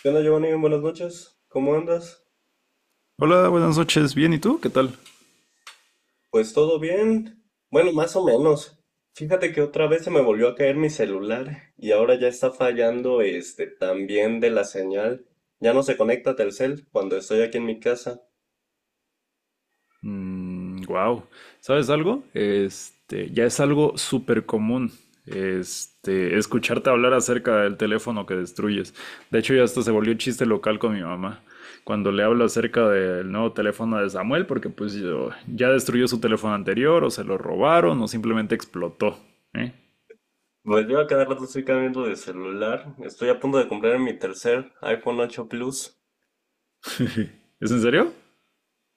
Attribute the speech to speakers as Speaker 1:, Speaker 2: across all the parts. Speaker 1: ¿Qué onda, Giovanni? Buenas noches. ¿Cómo andas?
Speaker 2: Hola, buenas noches. Bien, ¿y tú? ¿Qué tal?
Speaker 1: Pues todo bien. Bueno, más o menos. Fíjate que otra vez se me volvió a caer mi celular y ahora ya está fallando este también de la señal. Ya no se conecta Telcel cuando estoy aquí en mi casa.
Speaker 2: Wow. ¿Sabes algo? Ya es algo súper común. Escucharte hablar acerca del teléfono que destruyes. De hecho, ya hasta se volvió chiste local con mi mamá. Cuando le hablo acerca del nuevo teléfono de Samuel, porque pues ya destruyó su teléfono anterior, o se lo robaron, o simplemente explotó. ¿Eh?
Speaker 1: Pues yo a cada rato estoy cambiando de celular. Estoy a punto de comprar mi tercer iPhone 8 Plus.
Speaker 2: ¿Es en serio?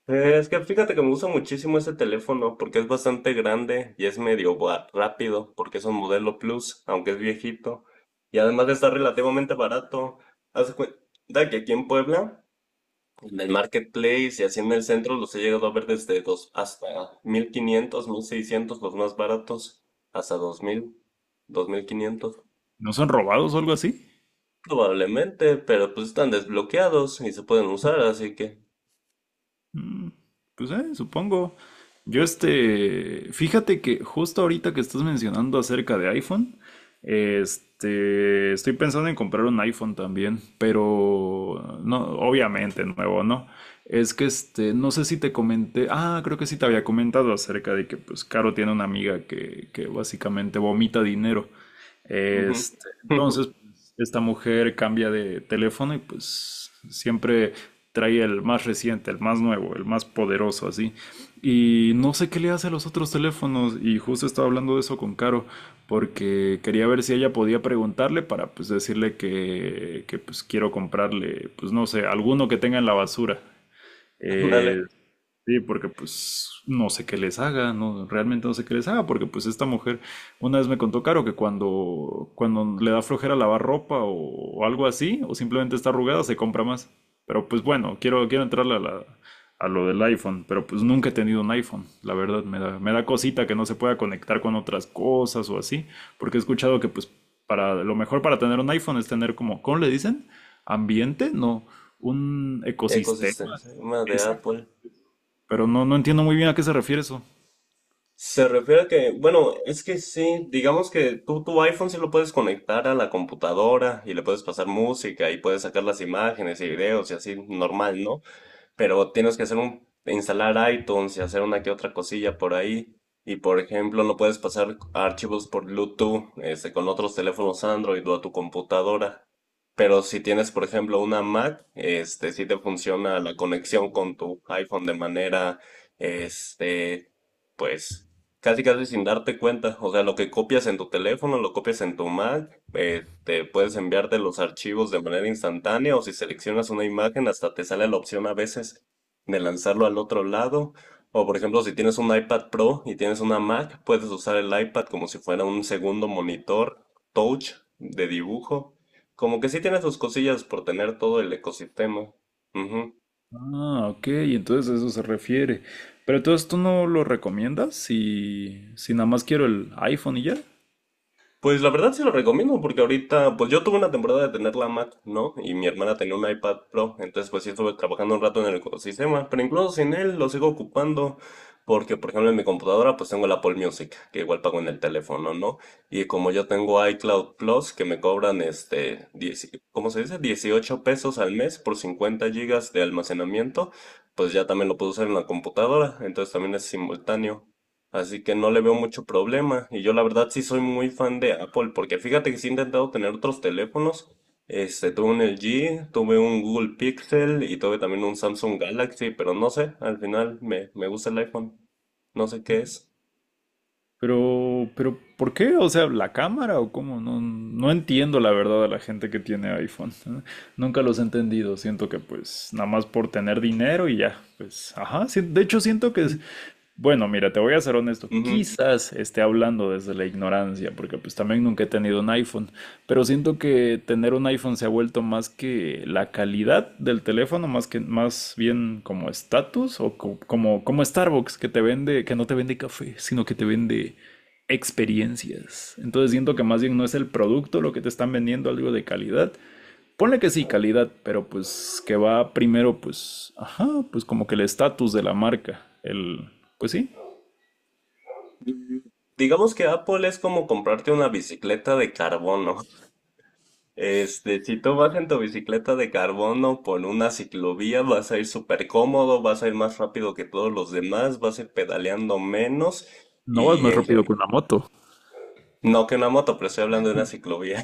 Speaker 1: Es que fíjate que me gusta muchísimo ese teléfono porque es bastante grande y es medio rápido porque es un modelo Plus, aunque es viejito. Y además está relativamente barato. Haz de cuenta que aquí en Puebla, en el Marketplace y así en el centro, los he llegado a ver desde dos hasta 1500, 1600 los más baratos, hasta dos mil, 2500.
Speaker 2: ¿No son robados o algo así?
Speaker 1: Probablemente, pero pues están desbloqueados y se pueden usar, así que...
Speaker 2: Mm. Pues supongo. Yo, fíjate que justo ahorita que estás mencionando acerca de iPhone, estoy pensando en comprar un iPhone también, pero no, obviamente nuevo, ¿no? Es que no sé si te comenté, creo que sí te había comentado acerca de que pues Caro tiene una amiga que básicamente vomita dinero.
Speaker 1: Ujú.
Speaker 2: Entonces, pues, esta mujer cambia de teléfono y pues siempre trae el más reciente, el más nuevo, el más poderoso, así. Y no sé qué le hace a los otros teléfonos y justo estaba hablando de eso con Caro porque quería ver si ella podía preguntarle para pues decirle que pues quiero comprarle, pues no sé, alguno que tenga en la basura.
Speaker 1: Ándale.
Speaker 2: Eh, Sí, porque pues no sé qué les haga, no, realmente no sé qué les haga, porque pues esta mujer una vez me contó Caro que cuando le da flojera lavar ropa o algo así, o simplemente está arrugada, se compra más. Pero pues bueno, quiero entrarle a lo del iPhone, pero pues nunca he tenido un iPhone, la verdad, me da cosita que no se pueda conectar con otras cosas o así, porque he escuchado que pues para lo mejor para tener un iPhone es tener como, ¿cómo le dicen? Ambiente, no, un ecosistema.
Speaker 1: Ecosistema de
Speaker 2: Exacto.
Speaker 1: Apple.
Speaker 2: Pero no, no entiendo muy bien a qué se refiere eso.
Speaker 1: Se refiere a que, bueno, es que sí, digamos que tú tu iPhone sí lo puedes conectar a la computadora y le puedes pasar música y puedes sacar las imágenes y videos y así normal, ¿no? Pero tienes que instalar iTunes y hacer una que otra cosilla por ahí. Y por ejemplo, no puedes pasar archivos por Bluetooth, con otros teléfonos Android o a tu computadora. Pero si tienes, por ejemplo, una Mac, sí te funciona la conexión con tu iPhone de manera, este, pues casi, casi sin darte cuenta. O sea, lo que copias en tu teléfono, lo copias en tu Mac, te puedes enviarte los archivos de manera instantánea, o si seleccionas una imagen, hasta te sale la opción a veces de lanzarlo al otro lado. O por ejemplo, si tienes un iPad Pro y tienes una Mac, puedes usar el iPad como si fuera un segundo monitor touch de dibujo. Como que sí tiene sus cosillas por tener todo el ecosistema. Ujú.
Speaker 2: Ah, ok, entonces a eso se refiere. Pero entonces tú no lo recomiendas si nada más quiero el iPhone y ya.
Speaker 1: Pues la verdad sí lo recomiendo porque ahorita, pues yo tuve una temporada de tener la Mac, ¿no? Y mi hermana tenía un iPad Pro, entonces pues sí estuve trabajando un rato en el ecosistema, pero incluso sin él lo sigo ocupando porque, por ejemplo, en mi computadora pues tengo el Apple Music, que igual pago en el teléfono, ¿no? Y como yo tengo iCloud Plus, que me cobran 10 ¿cómo se dice? 18 pesos al mes por 50 gigas de almacenamiento, pues ya también lo puedo usar en la computadora, entonces también es simultáneo. Así que no le veo mucho problema. Y yo la verdad sí soy muy fan de Apple, porque fíjate que sí he intentado tener otros teléfonos. Tuve un LG, tuve un Google Pixel y tuve también un Samsung Galaxy, pero no sé, al final me gusta el iPhone. No sé qué es.
Speaker 2: Pero, ¿por qué? O sea, ¿la cámara o cómo? No, no entiendo la verdad a la gente que tiene iPhone. Nunca los he entendido. Siento que pues nada más por tener dinero y ya. Pues, ajá, sí. De hecho, siento que es- Bueno, mira, te voy a ser honesto.
Speaker 1: Ujú.
Speaker 2: Quizás esté hablando desde la ignorancia, porque pues también nunca he tenido un iPhone, pero siento que tener un iPhone se ha vuelto más que la calidad del teléfono, más que más bien como estatus o como Starbucks que te vende, que no te vende café, sino que te vende experiencias. Entonces siento que más bien no es el producto lo que te están vendiendo algo de calidad. Ponle que sí, calidad, pero pues que va primero pues, ajá, pues como que el estatus de la marca, el pues sí.
Speaker 1: Digamos que Apple es como comprarte una bicicleta de carbono. Si tú vas en tu bicicleta de carbono por una ciclovía, vas a ir súper cómodo, vas a ir más rápido que todos los demás, vas a ir pedaleando menos.
Speaker 2: No vas
Speaker 1: Y
Speaker 2: más
Speaker 1: en,
Speaker 2: rápido
Speaker 1: gen-
Speaker 2: que una moto.
Speaker 1: No que una moto, pero estoy hablando de una ciclovía.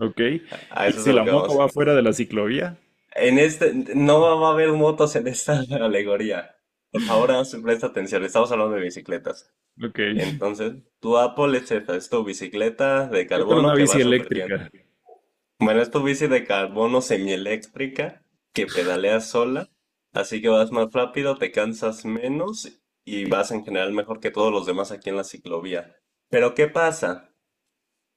Speaker 2: Ok.
Speaker 1: A
Speaker 2: ¿Y
Speaker 1: eso es
Speaker 2: si
Speaker 1: a lo
Speaker 2: la
Speaker 1: que
Speaker 2: moto
Speaker 1: vamos.
Speaker 2: va fuera de la ciclovía?
Speaker 1: No va a haber motos en esta alegoría. Por favor, presta atención. Estamos hablando de bicicletas.
Speaker 2: Ok.
Speaker 1: Entonces, tu Apple es esta, es tu bicicleta de
Speaker 2: ¿Qué tal
Speaker 1: carbono
Speaker 2: una
Speaker 1: que va
Speaker 2: bici
Speaker 1: súper bien.
Speaker 2: eléctrica?
Speaker 1: Bueno, es tu bici de carbono semieléctrica que pedaleas sola, así que vas más rápido, te cansas menos y vas en general mejor que todos los demás aquí en la ciclovía. Pero ¿qué pasa?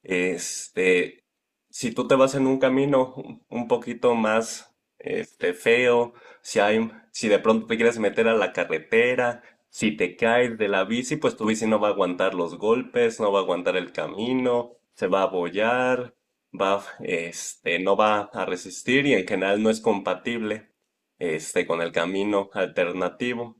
Speaker 1: Este, si tú te vas en un camino un poquito más feo, si de pronto te quieres meter a la carretera, si te caes de la bici, pues tu bici no va a aguantar los golpes, no va a aguantar el camino, se va a abollar, no va a resistir y en general no es compatible, con el camino alternativo.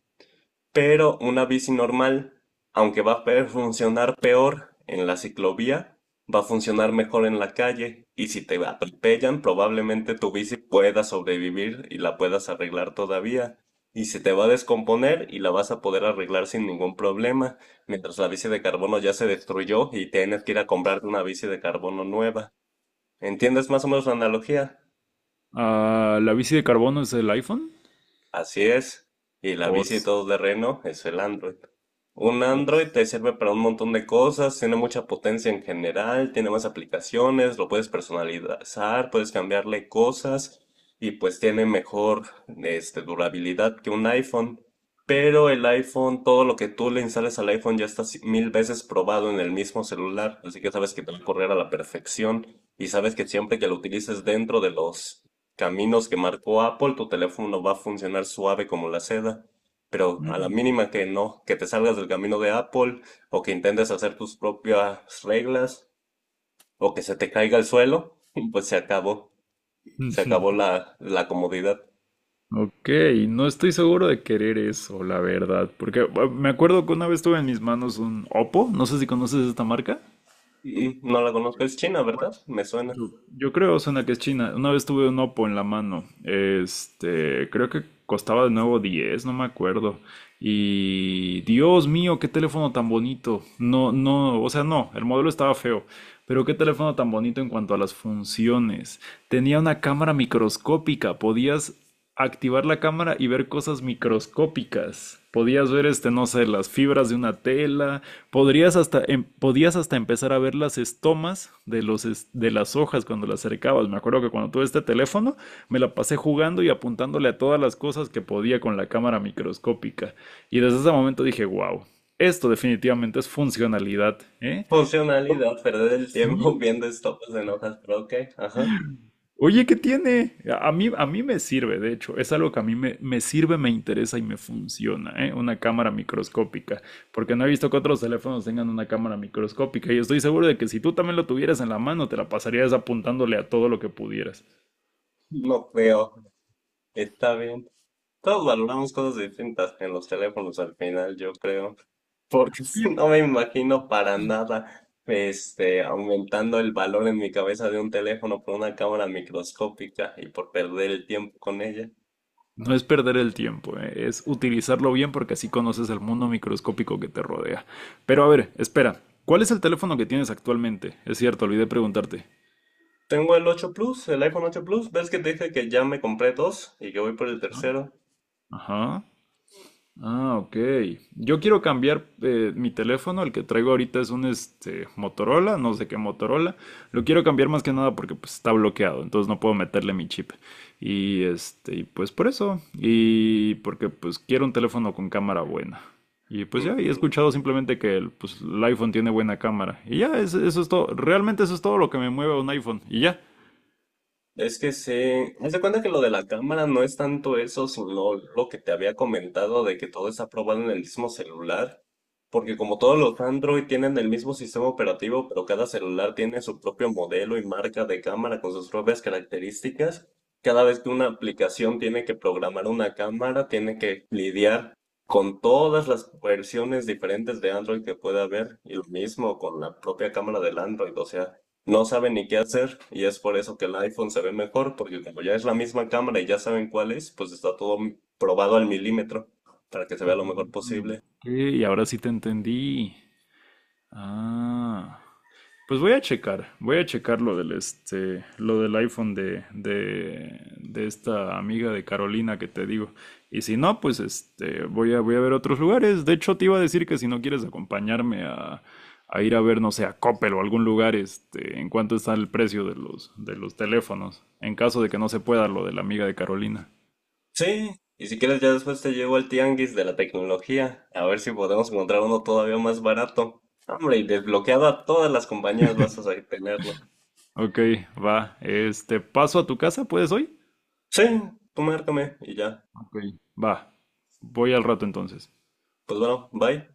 Speaker 1: Pero una bici normal, aunque va a funcionar peor en la ciclovía, va a funcionar mejor en la calle y si te atropellan, probablemente tu bici pueda sobrevivir y la puedas arreglar todavía. Y se te va a descomponer y la vas a poder arreglar sin ningún problema, mientras la bici de carbono ya se destruyó y tienes que ir a comprarte una bici de carbono nueva. ¿Entiendes más o menos la analogía?
Speaker 2: Ah, ¿la bici de carbono es el iPhone?
Speaker 1: Así es, y la bici
Speaker 2: Os.
Speaker 1: todoterreno es el Android. Un
Speaker 2: Os.
Speaker 1: Android te sirve para un montón de cosas, tiene mucha potencia en general, tiene más aplicaciones, lo puedes personalizar, puedes cambiarle cosas y pues tiene mejor durabilidad que un iPhone. Pero el iPhone, todo lo que tú le instales al iPhone ya está 1000 veces probado en el mismo celular, así que sabes que te va a correr a la perfección y sabes que siempre que lo utilices dentro de los caminos que marcó Apple, tu teléfono va a funcionar suave como la seda. Pero a la
Speaker 2: Mm.
Speaker 1: mínima que no, que te salgas del camino de Apple o que intentes hacer tus propias reglas o que se te caiga al suelo, pues se acabó. Se acabó la comodidad.
Speaker 2: Ok, no estoy seguro de querer eso, la verdad, porque me acuerdo que una vez tuve en mis manos un Oppo, no sé si conoces esta marca.
Speaker 1: Y no la conozco, es China, ¿verdad? Me suena.
Speaker 2: Yo creo, Osana, que es China. Una vez tuve un Oppo en la mano. Creo que costaba de nuevo 10, no me acuerdo. Y Dios mío, qué teléfono tan bonito. No, no, o sea, no, el modelo estaba feo. Pero qué teléfono tan bonito en cuanto a las funciones. Tenía una cámara microscópica. Podías activar la cámara y ver cosas microscópicas. Podías ver, no sé, las fibras de una tela. Podías hasta empezar a ver las estomas de las hojas cuando las acercabas. Me acuerdo que cuando tuve este teléfono me la pasé jugando y apuntándole a todas las cosas que podía con la cámara microscópica. Y desde ese momento dije, wow, esto definitivamente es funcionalidad, ¿eh?
Speaker 1: Funcionalidad, perder el tiempo
Speaker 2: Sí.
Speaker 1: viendo estopes en hojas, pero ok, ajá.
Speaker 2: Oye, ¿qué tiene? A mí me sirve, de hecho, es algo que a mí me sirve, me interesa y me funciona, ¿eh? Una cámara microscópica, porque no he visto que otros teléfonos tengan una cámara microscópica y estoy seguro de que si tú también lo tuvieras en la mano, te la pasarías apuntándole a todo lo que pudieras.
Speaker 1: No creo. Está bien. Todos valoramos cosas distintas en los teléfonos al final, yo creo. Porque
Speaker 2: Y
Speaker 1: no me imagino para nada, aumentando el valor en mi cabeza de un teléfono por una cámara microscópica y por perder el tiempo con ella.
Speaker 2: no es perder el tiempo, ¿eh? Es utilizarlo bien porque así conoces el mundo microscópico que te rodea. Pero a ver, espera, ¿cuál es el teléfono que tienes actualmente? Es cierto, olvidé preguntarte.
Speaker 1: Tengo el 8 Plus, el iPhone 8 Plus, ¿ves que te dije que ya me compré dos y que voy por el tercero?
Speaker 2: Ajá. Ah, ok. Yo quiero cambiar mi teléfono, el que traigo ahorita es un Motorola, no sé qué Motorola. Lo quiero cambiar más que nada porque pues, está bloqueado, entonces no puedo meterle mi chip. Y pues por eso. Y porque pues quiero un teléfono con cámara buena. Y pues ya, y he escuchado simplemente que el, pues, el iPhone tiene buena cámara. Y ya, eso es todo. Realmente eso es todo lo que me mueve a un iPhone. Y ya.
Speaker 1: Es que sí, haz de cuenta que lo de la cámara no es tanto eso, sino lo que te había comentado de que todo está probado en el mismo celular, porque como todos los Android tienen el mismo sistema operativo, pero cada celular tiene su propio modelo y marca de cámara con sus propias características, cada vez que una aplicación tiene que programar una cámara, tiene que lidiar con todas las versiones diferentes de Android que pueda haber, y lo mismo con la propia cámara del Android, o sea no saben ni qué hacer y es por eso que el iPhone se ve mejor, porque como ya es la misma cámara y ya saben cuál es, pues está todo probado al milímetro para que se vea lo
Speaker 2: Ah,
Speaker 1: mejor posible.
Speaker 2: ok, y ahora sí te entendí. Ah. Pues voy a checar lo del iPhone de esta amiga de Carolina que te digo. Y si no, pues voy a ver otros lugares. De hecho, te iba a decir que si no quieres acompañarme a ir a ver, no sé, a Coppel o algún lugar, en cuánto está el precio de los teléfonos, en caso de que no se pueda lo de la amiga de Carolina.
Speaker 1: Sí, y si quieres ya después te llevo al tianguis de la tecnología, a ver si podemos encontrar uno todavía más barato. Hombre, y desbloqueado a todas las compañías vas a tenerlo.
Speaker 2: Ok, va. ¿Paso a tu casa? ¿Puedes hoy?
Speaker 1: Sí, tú márcame y ya.
Speaker 2: Ok. Va. Voy al rato entonces.
Speaker 1: Pues bueno, bye.